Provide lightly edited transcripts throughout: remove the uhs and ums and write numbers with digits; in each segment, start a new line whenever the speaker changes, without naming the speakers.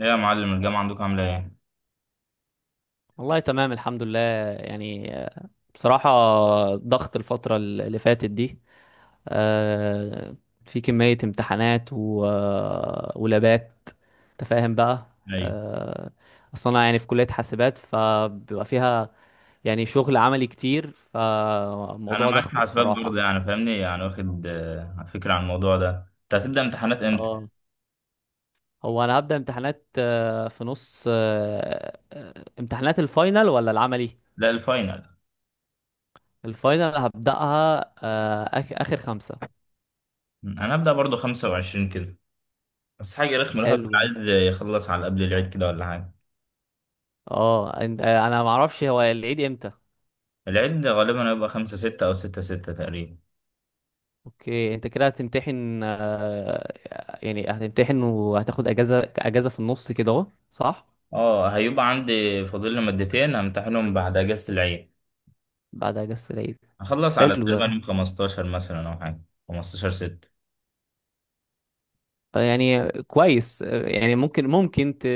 ايه يا معلم، الجامعة عندكم عاملة ايه؟
والله تمام الحمد لله. يعني آه، بصراحة، ضغط الفترة اللي فاتت دي، آه، في كمية امتحانات و ولابات، تفاهم بقى.
ايوه.
آه، أصلا أنا يعني في كلية حاسبات، فبيبقى فيها يعني شغل عملي كتير،
انا
فموضوع
معاك في
ضغط
حاسبات برضه،
بصراحة.
يعني فاهمني، يعني واخد فكرة عن الموضوع ده. انت هتبدأ امتحانات امتى؟
اه هو أنا هبدأ امتحانات في نص، امتحانات الفاينل ولا العملي؟
لا، الفاينل.
الفاينل هبدأها، آخر خمسة.
انا هبدأ برضه 25 كده. بس حاجة رخمة، الواحد كان
حلو.
عايز يخلص على قبل العيد كده ولا حاجة.
انا ما اعرفش هو العيد امتى.
العيد غالبا هيبقى 5 6 او 6 6 تقريبا.
اوكي، انت كده هتمتحن، يعني هتمتحن وهتاخد اجازه في النص كده اهو، صح.
اه، هيبقى عندي فاضل لي مادتين همتحنهم بعد اجازة العيد.
بعد اجازه العيد.
هخلص على
حلو
تقريبا
ده.
يوم 15 مثلا او حاجة. 15 6.
يعني كويس، يعني ممكن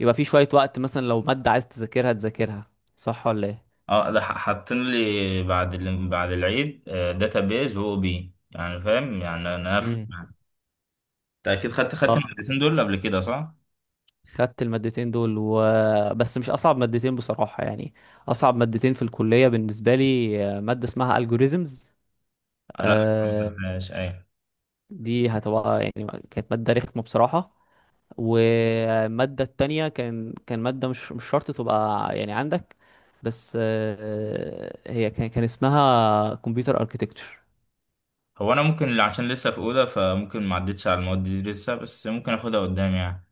يبقى في شويه وقت، مثلا لو ماده عايز تذاكرها تذاكرها، صح ولا ايه؟
اه، ده حاطين لي بعد بعد العيد. داتابيز و او بي، يعني فاهم، يعني انا
امم
افهم. انت اكيد خدت
اه
المادتين دول قبل كده، صح؟
خدت المادتين دول، بس مش اصعب مادتين بصراحة يعني. اصعب مادتين في الكلية بالنسبة لي مادة اسمها algorithms.
لا لسه ما
آه،
خدتهاش، ايوه.
دي هتبقى يعني كانت مادة رخمة بصراحة. والمادة التانية كان مادة مش شرط تبقى يعني عندك، بس هي كان اسمها كمبيوتر اركيتكتشر.
هو انا ممكن عشان لسه في اولى، فممكن ما عدتش على المواد دي لسه، بس ممكن اخدها قدام يعني.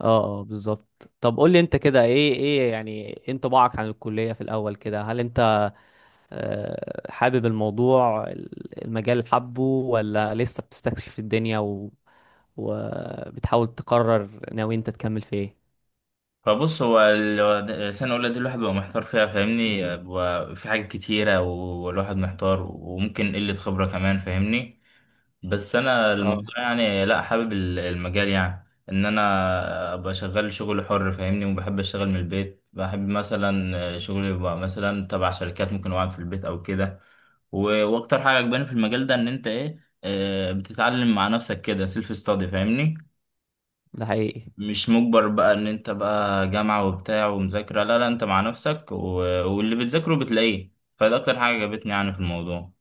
اه، اه، بالظبط. طب قول لي انت كده، ايه يعني، ايه انطباعك عن الكلية في الاول كده؟ هل انت حابب المجال، حبه، ولا لسه بتستكشف الدنيا وبتحاول تقرر ناوي انت تكمل في ايه؟
فبص، هو سنة أولى دي الواحد بيبقى محتار فيها، فاهمني، بيبقى في حاجات كتيرة والواحد محتار، وممكن قلة خبرة كمان، فاهمني. بس انا
اه،
الموضوع يعني، لا، حابب المجال، يعني ان انا ابقى شغال شغل حر، فاهمني، وبحب اشتغل من البيت، بحب مثلا شغلي يبقى مثلا تبع شركات، ممكن اقعد في البيت او كده. واكتر حاجه عجباني في المجال ده ان انت ايه، بتتعلم مع نفسك كده، سيلف ستادي، فاهمني.
ده حقيقي.
مش مجبر بقى ان انت بقى جامعه وبتاع ومذاكره، لا لا، انت مع نفسك، واللي بتذاكره بتلاقيه. فده اكتر حاجه عجبتني يعني في الموضوع.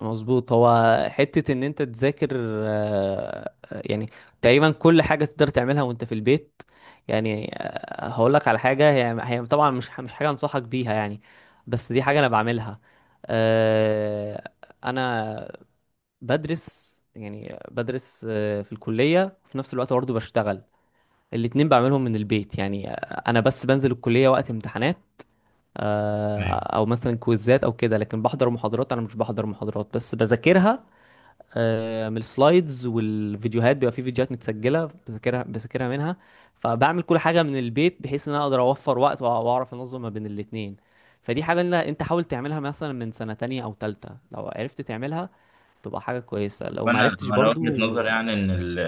مظبوط. هو حتة ان انت تذاكر، يعني تقريبا كل حاجة تقدر تعملها وانت في البيت. يعني هقول لك على حاجة، هي طبعا مش حاجة انصحك بيها يعني، بس دي حاجة انا بعملها. آه، انا بدرس، يعني بدرس في الكلية وفي نفس الوقت برضه بشتغل. الاتنين بعملهم من البيت يعني. انا بس بنزل الكلية وقت امتحانات، آه، او مثلا كويزات او كده، لكن بحضر محاضرات، انا مش بحضر محاضرات بس بذاكرها من السلايدز والفيديوهات، بيبقى في فيديوهات متسجله بذاكرها منها. فبعمل كل حاجه من البيت بحيث ان انا اقدر اوفر وقت واعرف انظم ما بين الاتنين. فدي حاجه إن انت حاول تعملها مثلا من سنه تانية او تالتة، لو عرفت تعملها تبقى حاجه كويسه، لو ما
وانا
عرفتش
انا وجهة
برضو.
نظر يعني ان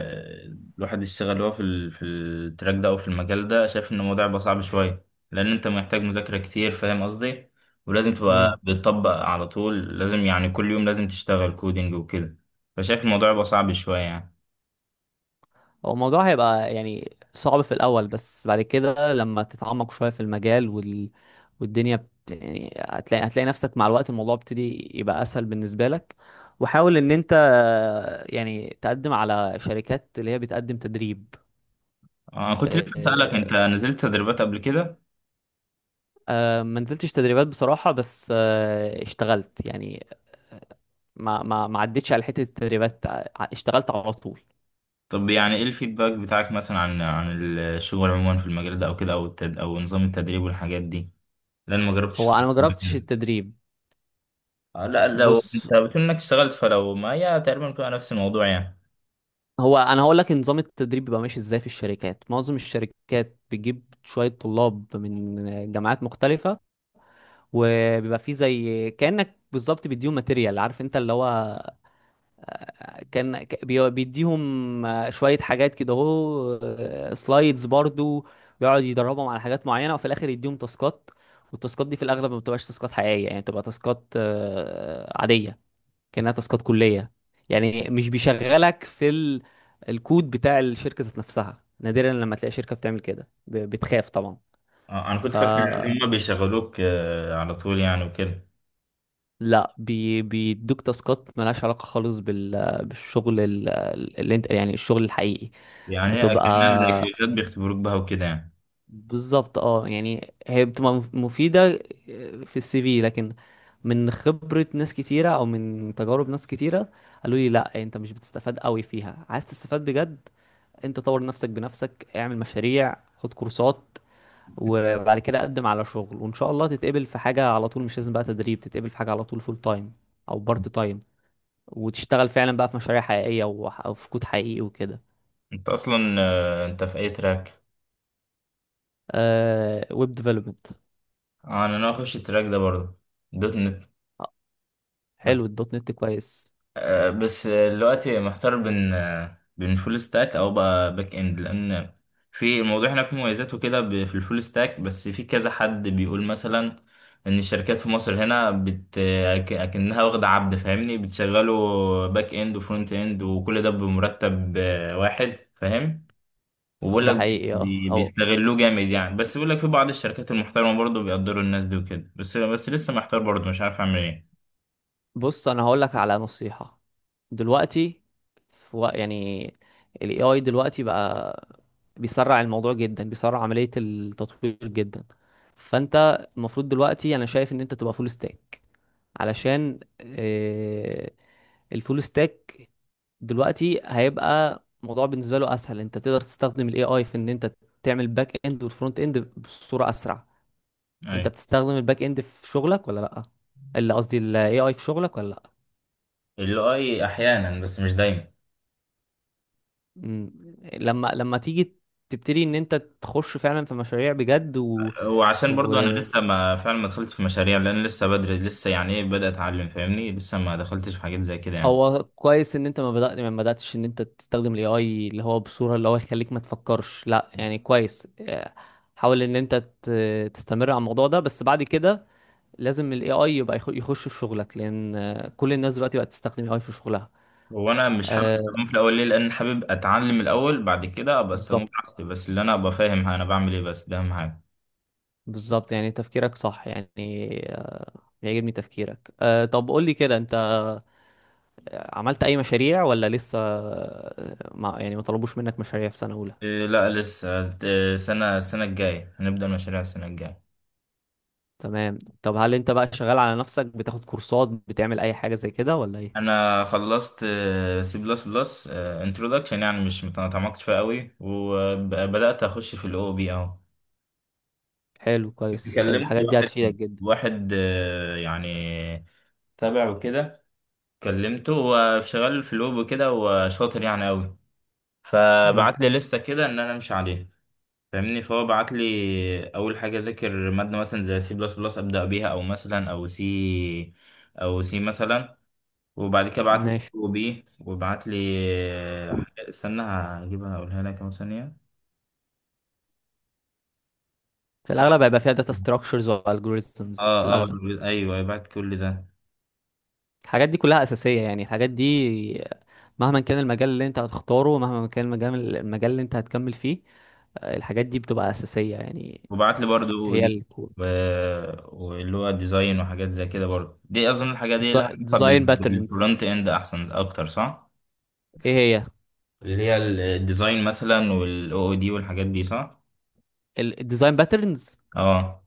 الواحد يشتغل هو في في التراك ده او في المجال ده، شايف ان الموضوع بقى صعب شويه، لان انت محتاج مذاكره كتير، فاهم قصدي. ولازم تبقى
امم
بتطبق على طول، لازم يعني كل يوم لازم تشتغل كودينج وكده. فشايف الموضوع بقى صعب شويه يعني.
هو الموضوع هيبقى يعني صعب في الأول، بس بعد كده لما تتعمق شوية في المجال والدنيا يعني هتلاقي نفسك مع الوقت الموضوع بيبتدي يبقى أسهل بالنسبة لك. وحاول إن أنت يعني تقدم على شركات اللي هي بتقدم تدريب.
انا كنت لسه اسالك، انت
آه،
نزلت تدريبات قبل كده؟
ما نزلتش تدريبات بصراحة، بس اشتغلت يعني. ما عدتش على حتة التدريبات، اشتغلت على طول.
طب يعني ايه الفيدباك بتاعك مثلا عن الشغل عموما في المجال ده او كده، او او نظام التدريب والحاجات دي، لان ما جربتش
هو أنا ما جربتش
أصلاً.
التدريب.
لا، لو
بص،
انت بتقول انك اشتغلت فلو، ما هي تقريبا بتبقى نفس الموضوع يعني.
هو انا هقول لك نظام التدريب بيبقى ماشي ازاي. في الشركات، معظم الشركات بتجيب شويه طلاب من جامعات مختلفه، وبيبقى فيه زي كانك بالظبط، بيديهم ماتيريال، عارف انت اللي هو، بيديهم شويه حاجات كده اهو، سلايدز برضو. بيقعد يدربهم على حاجات معينه، وفي الاخر يديهم تاسكات. والتاسكات دي في الاغلب ما بتبقاش تاسكات حقيقيه يعني، بتبقى تاسكات عاديه، كأنها تاسكات كلية. يعني مش بيشغلك في الكود بتاع الشركة ذات نفسها، نادرا لما تلاقي شركة بتعمل كده، بتخاف طبعا.
انا كنت
ف
فاكر ان هم بيشغلوك على طول يعني وكده.
لا، بيدوك تاسكات ملهاش علاقة خالص بالشغل، اللي انت يعني الشغل الحقيقي.
يعني هي
بتبقى
كانها زي كويزات بيختبروك بها وكده يعني.
بالظبط، اه يعني، هي بتبقى مفيدة في السي في، لكن من خبرة ناس كتيرة او من تجارب ناس كتيرة قالوا لي لا، انت مش بتستفاد قوي فيها. عايز تستفاد بجد، انت طور نفسك بنفسك، اعمل مشاريع، خد كورسات، وبعد كده قدم على شغل، وان شاء الله تتقبل في حاجة على طول. مش لازم بقى تدريب، تتقبل في حاجة على طول فول تايم او بارت تايم، وتشتغل فعلا بقى في مشاريع حقيقية او في كود حقيقي وكده.
انت اصلا انت في اي تراك؟
آه، ويب ديفلوبمنت.
انا ناوي اخش التراك ده برضه. دوت نت. بس،
حلو، الدوت نت كويس.
بس دلوقتي محتار بين، بين فول ستاك او بقى باك اند، لان في الموضوع هنا فيه مميزات وكده، في الفول ستاك. بس في كذا حد بيقول مثلا ان الشركات في مصر هنا اكنها واخده عبد، فاهمني، بتشغله باك اند وفرونت اند وكل ده بمرتب واحد، فاهم. وبقول
ده
لك،
حقيقي.
بيستغلوه جامد يعني. بس بيقول لك في بعض الشركات المحترمه برضه بيقدروا الناس دي وكده، بس لسه محتار برضه، مش عارف اعمل ايه.
بص، انا هقول لك على نصيحة. دلوقتي في يعني، ال AI دلوقتي بقى بيسرع الموضوع جدا، بيسرع عملية التطوير جدا. فانت المفروض دلوقتي، انا شايف ان انت تبقى فول ستاك، علشان الفول ستاك دلوقتي هيبقى موضوع بالنسبة له اسهل، انت تقدر تستخدم ال AI في ان انت تعمل باك اند والفرونت اند بصورة اسرع. انت
أيوة.
بتستخدم الباك اند في شغلك ولا لا؟ اللي قصدي ال AI في شغلك ولا لا؟
الاي احيانا بس مش دايما.
مم. لما تيجي تبتدي ان انت تخش فعلا في مشاريع بجد
وعشان
و...
برضو انا لسه ما فعلا ما دخلتش في مشاريع، لان لسه بدري، لسه يعني ايه، بدأت اتعلم، فاهمني، لسه ما دخلتش في حاجات زي كده يعني.
هو كويس ان انت ما بدأت، ما بدأتش ان انت تستخدم الاي اي، اللي هو بصورة اللي هو يخليك ما تفكرش، لا يعني كويس. حاول ان انت ت... تستمر على الموضوع ده، بس بعد كده لازم الاي اي يبقى يخش في شغلك، لان كل الناس دلوقتي بقت تستخدم اي اي في شغلها.
هو انا مش حابب
آه،
استخدمه في الاول، ليه؟ لان حابب اتعلم الاول، بعد كده ابقى استخدمه
بالظبط،
براحتي، بس اللي انا ابقى فاهم انا بعمل ايه، بس ده اهم حاجه.
بالظبط، يعني تفكيرك صح يعني. آه، يعجبني تفكيرك. طب قول لي كده، انت عملت اي مشاريع ولا لسه، ما يعني ما طلبوش منك مشاريع في سنة اولى؟
إيه لا لسه، إيه، السنه الجايه هنبدأ مشاريع السنه الجايه.
تمام. طب هل انت بقى شغال على نفسك، بتاخد كورسات، بتعمل اي حاجة زي كده ولا ايه؟
انا خلصت سي بلس بلس انترودكشن، يعني مش ما تعمقتش فيها قوي، وبدأت اخش في الاو بي اهو.
حلو، كويس،
كلمت
الحاجات دي
واحد،
هتفيدك جدا.
واحد يعني تابع وكده، كلمته، هو شغال في الويب وكده وشاطر يعني قوي.
امم،
فبعت لي لستة كده ان انا امشي عليها، فاهمني. فهو بعت لي اول حاجه اذاكر ماده مثلا زي سي بلس بلس، ابدا بيها، او مثلا او سي، او سي مثلا. وبعد كده بعت لي
ماشي.
وبي، وبعت لي، استنى هجيبها اقولها لك اهو، ثانيه.
في
ف-
الاغلب هيبقى فيها داتا ستراكشرز والجوريزمز في
اه، اه،
الاغلب.
ايوه، أيوه، بعت كل ده.
الحاجات دي كلها اساسية يعني، الحاجات دي مهما كان المجال اللي انت هتختاره، مهما كان المجال اللي انت هتكمل فيه، الحاجات دي بتبقى اساسية يعني.
وبعت لي برضو
هي
دي،
الكور.
و... واللي هو ديزاين وحاجات زي كده، برضو دي. اظن الحاجات دي لها علاقه
ديزاين باترنز،
بالفرونت اند احسن اكتر، صح؟
ايه هي؟
اللي هي الديزاين مثلا والاو او دي والحاجات دي، صح.
الديزاين باترنز،
اه.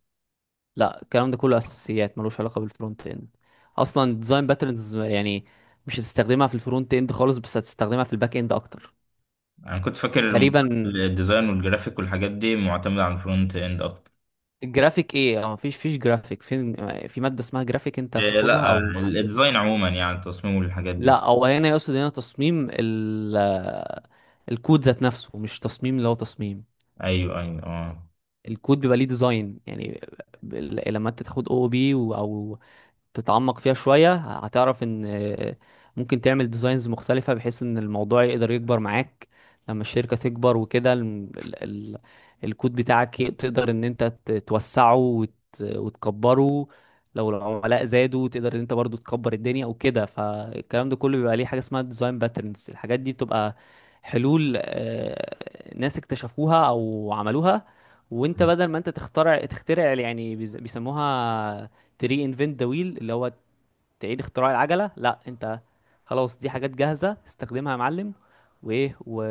لا الكلام ده كله اساسيات، ملوش علاقه بالفرونت اند. اصلا الديزاين باترنز يعني مش هتستخدمها في الفرونت اند خالص، بس هتستخدمها في الباك اند اكتر.
انا كنت فاكر
تقريبا.
الديزاين والجرافيك والحاجات دي معتمده على الفرونت اند اكتر.
الجرافيك ايه؟ اه، مفيش جرافيك فين؟ في ماده اسمها جرافيك انت
إيه
بتاخدها
لا،
او
الديزاين عموما يعني التصميم والحاجات دي.
لا، او هنا يقصد هنا تصميم الكود ذات نفسه، مش تصميم اللي هو تصميم.
ايوه ايوه اه.
الكود بيبقى ليه ديزاين يعني. لما انت تاخد او بي او تتعمق فيها شوية، هتعرف ان ممكن تعمل ديزاينز مختلفة بحيث ان الموضوع يقدر يكبر معاك لما الشركة تكبر وكده. الكود بتاعك، تقدر ان انت توسعه وتكبره. لو العملاء زادوا تقدر ان انت برضو تكبر الدنيا وكده. فالكلام ده كله بيبقى ليه حاجة اسمها ديزاين باترنز. الحاجات دي بتبقى حلول، ناس اكتشفوها او عملوها، وانت بدل ما انت تخترع، تخترع يعني، بيسموها تري انفنت ذا ويل، اللي هو تعيد اختراع العجله. لا انت، خلاص، دي حاجات جاهزه، استخدمها يا معلم. وايه و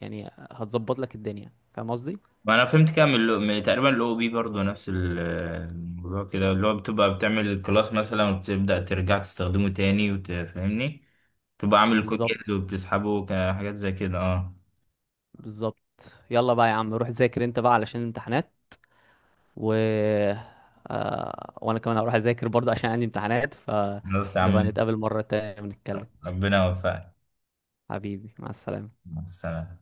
يعني هتظبط لك الدنيا، فاهم قصدي.
ما انا فهمت كده من من تقريبا الاو بي برضه، نفس الموضوع كده اللي هو بتبقى بتعمل الكلاس مثلا وبتبدأ ترجع تستخدمه تاني، وتفهمني تبقى عامل الكود
بالظبط،
جاهز وبتسحبه كحاجات زي كده. اه.
بالظبط. يلا بقى يا عم، روح ذاكر انت بقى علشان الامتحانات، و وانا كمان هروح اذاكر برضه عشان عندي امتحانات،
بس يا عم،
فنبقى نتقابل مره تانية ونتكلم.
ربنا يوفقك.
حبيبي، مع السلامه.
مع السلامة.